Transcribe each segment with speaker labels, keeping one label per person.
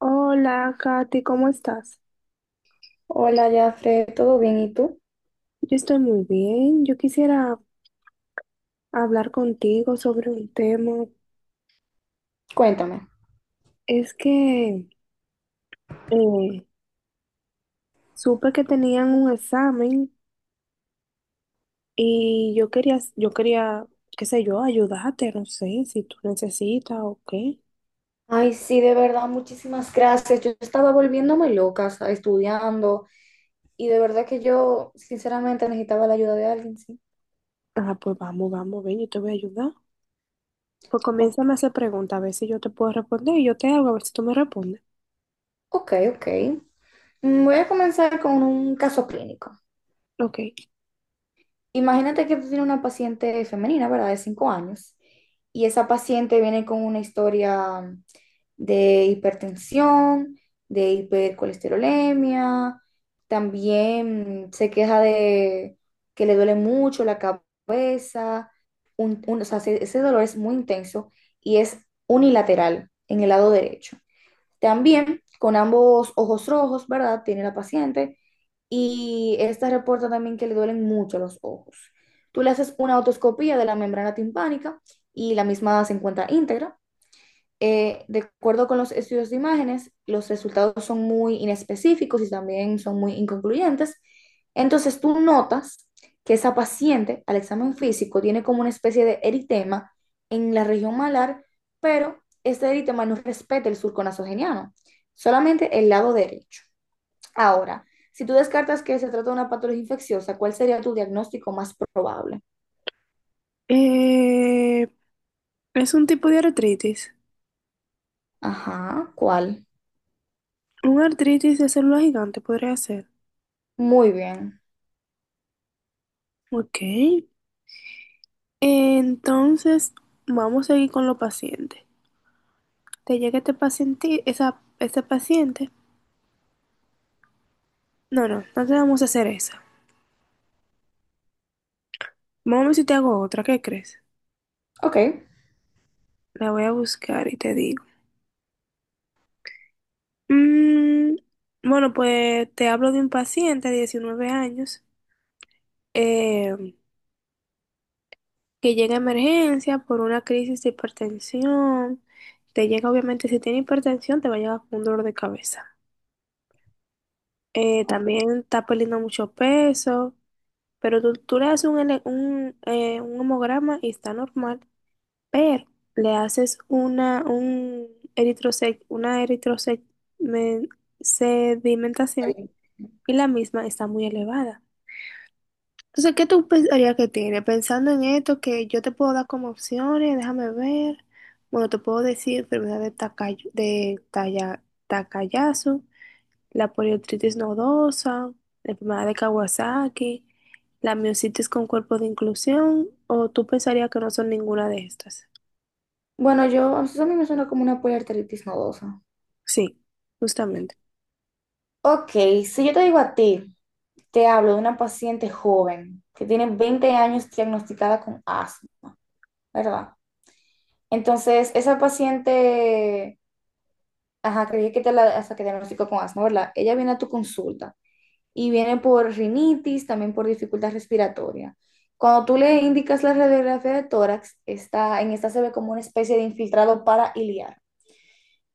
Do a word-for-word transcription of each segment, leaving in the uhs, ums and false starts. Speaker 1: Hola, Katy, ¿cómo estás?
Speaker 2: Hola, Jafre, ¿todo bien? ¿Y tú?
Speaker 1: Yo estoy muy bien. Yo quisiera hablar contigo sobre un tema.
Speaker 2: Cuéntame.
Speaker 1: Es que eh, supe que tenían un examen y yo quería, yo quería, qué sé yo, ayudarte, no sé si tú necesitas o qué.
Speaker 2: Ay, sí, de verdad, muchísimas gracias. Yo estaba volviéndome loca, o sea, estudiando, y de verdad que yo, sinceramente, necesitaba la ayuda de alguien, sí.
Speaker 1: Ah, pues vamos, vamos, ven, yo te voy a ayudar. Pues
Speaker 2: O-
Speaker 1: comiénzame a hacer preguntas, a ver si yo te puedo responder y yo te hago, a ver si tú me respondes.
Speaker 2: Ok, ok. Mm, Voy a comenzar con un caso clínico.
Speaker 1: Ok.
Speaker 2: Imagínate que tú tienes una paciente femenina, ¿verdad? De cinco años. Y esa paciente viene con una historia de hipertensión, de hipercolesterolemia. También se queja de que le duele mucho la cabeza. Un- un- o sea, ese ese dolor es muy intenso y es unilateral en el lado derecho. También con ambos ojos rojos, ¿verdad? Tiene la paciente, y esta reporta también que le duelen mucho los ojos. Tú le haces una otoscopía de la membrana timpánica y la misma se encuentra íntegra. Eh, de acuerdo con los estudios de imágenes, los resultados son muy inespecíficos y también son muy inconcluyentes. Entonces tú notas que esa paciente al examen físico tiene como una especie de eritema en la región malar, pero este eritema no respeta el surco nasogeniano, solamente el lado derecho. Ahora, si tú descartas que se trata de una patología infecciosa, ¿cuál sería tu diagnóstico más probable?
Speaker 1: Eh, es un tipo de artritis.
Speaker 2: Ajá, ¿cuál?
Speaker 1: Un artritis de célula gigante podría ser.
Speaker 2: Muy bien.
Speaker 1: Ok, entonces vamos a seguir con los pacientes. Te llega este paciente, esa, este paciente. No, no, no te vamos a hacer esa. Vamos a ver si te hago otra, ¿qué crees?
Speaker 2: Ok,
Speaker 1: La voy a buscar y te digo. Mm, bueno, pues te hablo de un paciente de diecinueve años eh, que llega a emergencia por una crisis de hipertensión. Te llega, obviamente, si tiene hipertensión, te va a llegar con un dolor de cabeza. Eh,
Speaker 2: ok.
Speaker 1: también está perdiendo mucho peso. Pero tú, tú le haces un, ele- un, eh, un hemograma y está normal, pero le haces una, un eritrosec, una eritrosec, men-
Speaker 2: Está
Speaker 1: sedimentación
Speaker 2: bien.
Speaker 1: y la misma está muy elevada. Entonces, ¿qué tú pensarías que tiene? Pensando en esto, que yo te puedo dar como opciones, déjame ver. Bueno, te puedo decir enfermedad de Takayasu, de talla, Takayasu, la poliotritis nodosa, la enfermedad de Kawasaki, la miositis con cuerpo de inclusión, o tú pensarías que no son ninguna de estas.
Speaker 2: Bueno, yo, eso a mí me suena como una poliarteritis nodosa.
Speaker 1: Sí, justamente.
Speaker 2: Ok, si yo te digo a ti, te hablo de una paciente joven que tiene veinte años diagnosticada con asma, ¿verdad? Entonces, esa paciente, ajá, creí que te la, hasta que diagnosticó con asma, ¿verdad? Ella viene a tu consulta y vienen por rinitis, también por dificultad respiratoria. Cuando tú le indicas la radiografía de tórax, está, en esta se ve como una especie de infiltrado para.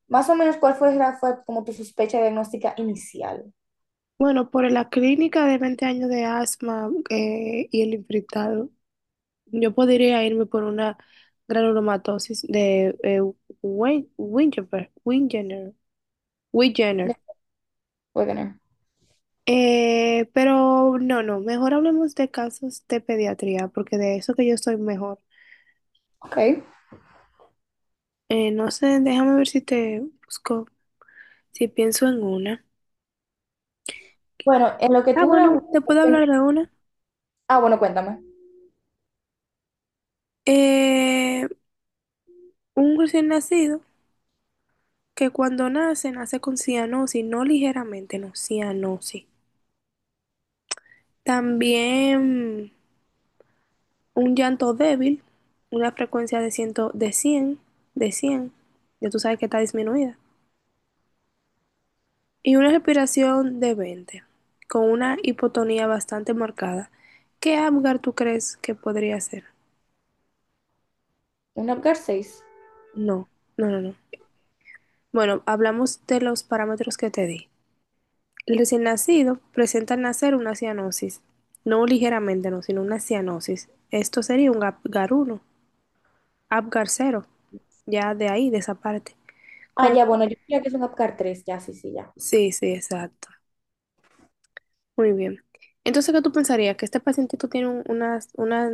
Speaker 2: Más o menos, ¿cuál fue, fue como tu sospecha diagnóstica inicial?
Speaker 1: Bueno, por la clínica de veinte años de asma eh, y el infectado, yo podría irme por una granulomatosis de eh, Wen- Wingeber- Wingener. Wigener.
Speaker 2: Wegener.
Speaker 1: Eh, pero no, no, mejor hablemos de casos de pediatría, porque de eso que yo estoy mejor.
Speaker 2: Ok.
Speaker 1: Eh, no sé, déjame ver si te busco, si pienso en una.
Speaker 2: Bueno, en lo que
Speaker 1: Ah,
Speaker 2: tú grabas.
Speaker 1: bueno, te puedo hablar de una.
Speaker 2: Ah, bueno, cuéntame.
Speaker 1: Eh, un recién nacido que cuando nace, nace con cianosis, no ligeramente, no, cianosis. También un llanto débil, una frecuencia de cien, de cien de cien ya tú sabes que está disminuida. Y una respiración de veinte con una hipotonía bastante marcada. ¿Qué Apgar tú crees que podría ser?
Speaker 2: ¿Un APGAR seis?
Speaker 1: No, no, no, no. Bueno, hablamos de los parámetros que te di. El recién nacido presenta al nacer una cianosis, no ligeramente, no, sino una cianosis. Esto sería un gap- uno, Apgar cero, ya de ahí, de esa parte.
Speaker 2: Ah,
Speaker 1: Con...
Speaker 2: ya, bueno, yo diría que es un APGAR tres, ya, sí, sí, ya.
Speaker 1: Sí, sí, exacto. Muy bien. Entonces, ¿qué tú pensarías? ¿Que este pacientito tiene un- una, una,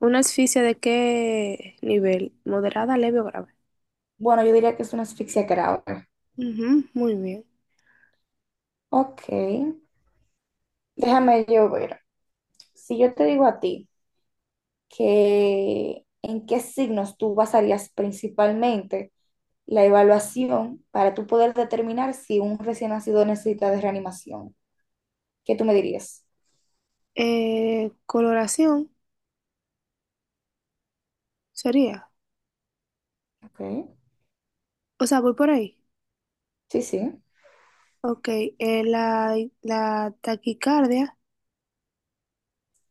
Speaker 1: una asfixia de qué nivel? ¿Moderada, leve o grave?
Speaker 2: Bueno, yo diría que es una asfixia grave.
Speaker 1: Ujú, muy bien.
Speaker 2: Ok. Déjame yo ver. Si yo te digo a ti, que en qué signos tú basarías principalmente la evaluación para tú poder determinar si un recién nacido necesita de reanimación, ¿qué tú me dirías?
Speaker 1: Eh, coloración sería.
Speaker 2: Ok,
Speaker 1: O sea, voy por ahí.
Speaker 2: sí, sí,
Speaker 1: Ok, eh, la, la taquicardia,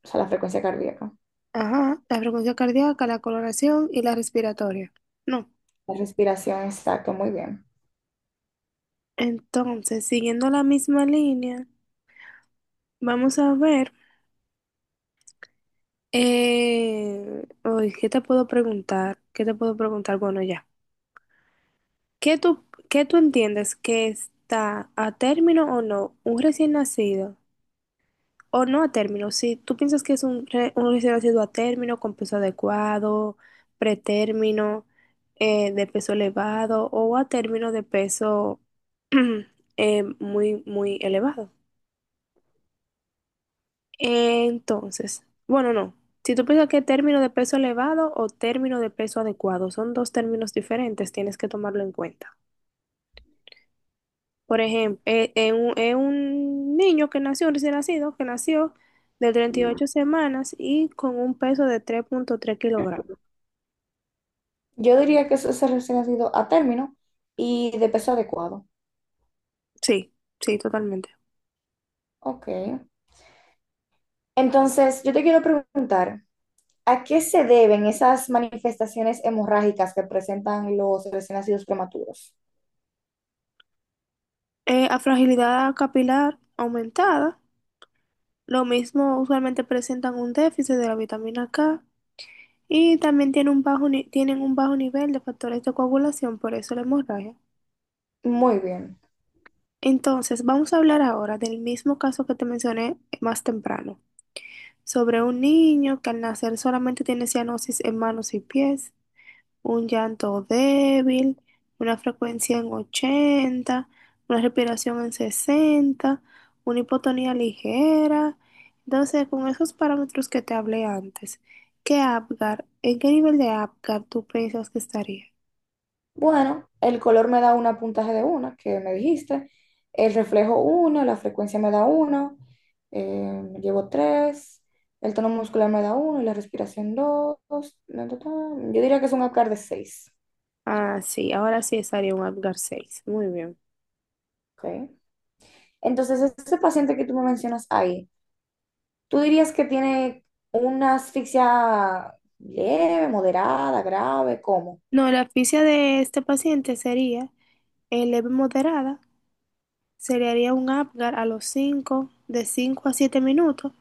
Speaker 2: o sea, la frecuencia cardíaca,
Speaker 1: ajá, la frecuencia cardíaca, la coloración y la respiratoria. No.
Speaker 2: la respiración, exacto, muy bien.
Speaker 1: Entonces, siguiendo la misma línea, vamos a ver, eh, uy, ¿qué te puedo preguntar? ¿Qué te puedo preguntar? Bueno, ya. ¿Qué tú, ¿qué tú entiendes que está a término o no un recién nacido? O no a término, si tú piensas que es un, re- un recién nacido a término con peso adecuado, pretérmino, eh, de peso elevado o a término de peso eh, muy, muy elevado. Entonces, bueno, no. Si tú piensas que término de peso elevado o término de peso adecuado son dos términos diferentes, tienes que tomarlo en cuenta. Por ejemplo, es un, eh, un niño que nació, un recién nacido, que nació de treinta y ocho semanas y con un peso de tres punto tres kilogramos.
Speaker 2: Yo diría que eso es el recién nacido a término y de peso adecuado.
Speaker 1: Sí, sí, totalmente.
Speaker 2: Ok, entonces yo te quiero preguntar, ¿a qué se deben esas manifestaciones hemorrágicas que presentan los recién nacidos prematuros?
Speaker 1: Eh, a fragilidad capilar aumentada, lo mismo usualmente presentan un déficit de la vitamina K y también tienen un bajo, ni- tienen un bajo nivel de factores de coagulación, por eso la hemorragia.
Speaker 2: Muy bien.
Speaker 1: Entonces, vamos a hablar ahora del mismo caso que te mencioné más temprano, sobre un niño que al nacer solamente tiene cianosis en manos y pies, un llanto débil, una frecuencia en ochenta, una respiración en sesenta, una hipotonía ligera. Entonces, con esos parámetros que te hablé antes, ¿qué Apgar, ¿en qué nivel de Apgar tú piensas que estaría?
Speaker 2: Bueno, el color me da un puntaje de uno, que me dijiste. El reflejo uno, la frecuencia me da uno, eh, llevo tres. El tono muscular me da uno y la respiración dos. Yo diría que es un APGAR de seis.
Speaker 1: Ah, sí, ahora sí estaría un Apgar seis. Muy bien.
Speaker 2: Okay. Entonces, ese paciente que tú me mencionas ahí, ¿tú dirías que tiene una asfixia leve, moderada, grave? ¿Cómo?
Speaker 1: No, la asfixia de este paciente sería eh, leve moderada, se le haría un Apgar a los cinco de cinco a siete minutos,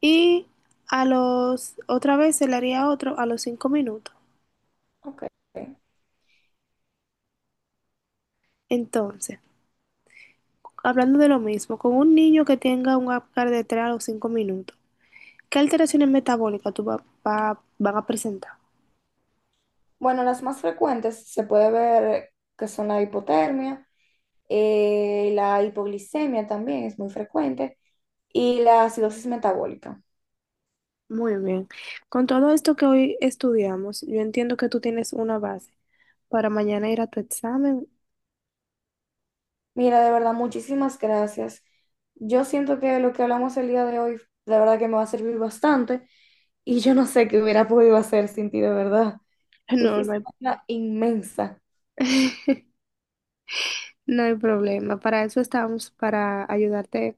Speaker 1: y a los, otra vez se le haría otro a los cinco minutos.
Speaker 2: Ok.
Speaker 1: Entonces, hablando de lo mismo, con un niño que tenga un Apgar de tres a los cinco minutos, ¿qué alteraciones metabólicas tú va- va- van a presentar?
Speaker 2: Bueno, las más frecuentes se puede ver que son la hipotermia, eh, la hipoglicemia también es muy frecuente, y la acidosis metabólica.
Speaker 1: Muy bien. Con todo esto que hoy estudiamos, yo entiendo que tú tienes una base para mañana ir a tu examen.
Speaker 2: Mira, de verdad, muchísimas gracias. Yo siento que lo que hablamos el día de hoy, de verdad que me va a servir bastante, y yo no sé qué hubiera podido hacer sin ti, de verdad. Tú
Speaker 1: No, no
Speaker 2: fuiste
Speaker 1: hay,
Speaker 2: una inmensa.
Speaker 1: no hay problema. Para eso estamos, para ayudarte.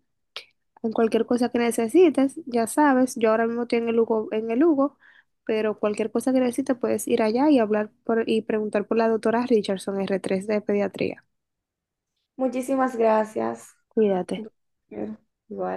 Speaker 1: Con cualquier cosa que necesites, ya sabes, yo ahora mismo estoy en el Hugo, en el Hugo, pero cualquier cosa que necesites puedes ir allá y hablar por, y preguntar por la doctora Richardson, r tres de pediatría.
Speaker 2: Muchísimas gracias.
Speaker 1: Cuídate.
Speaker 2: Igual.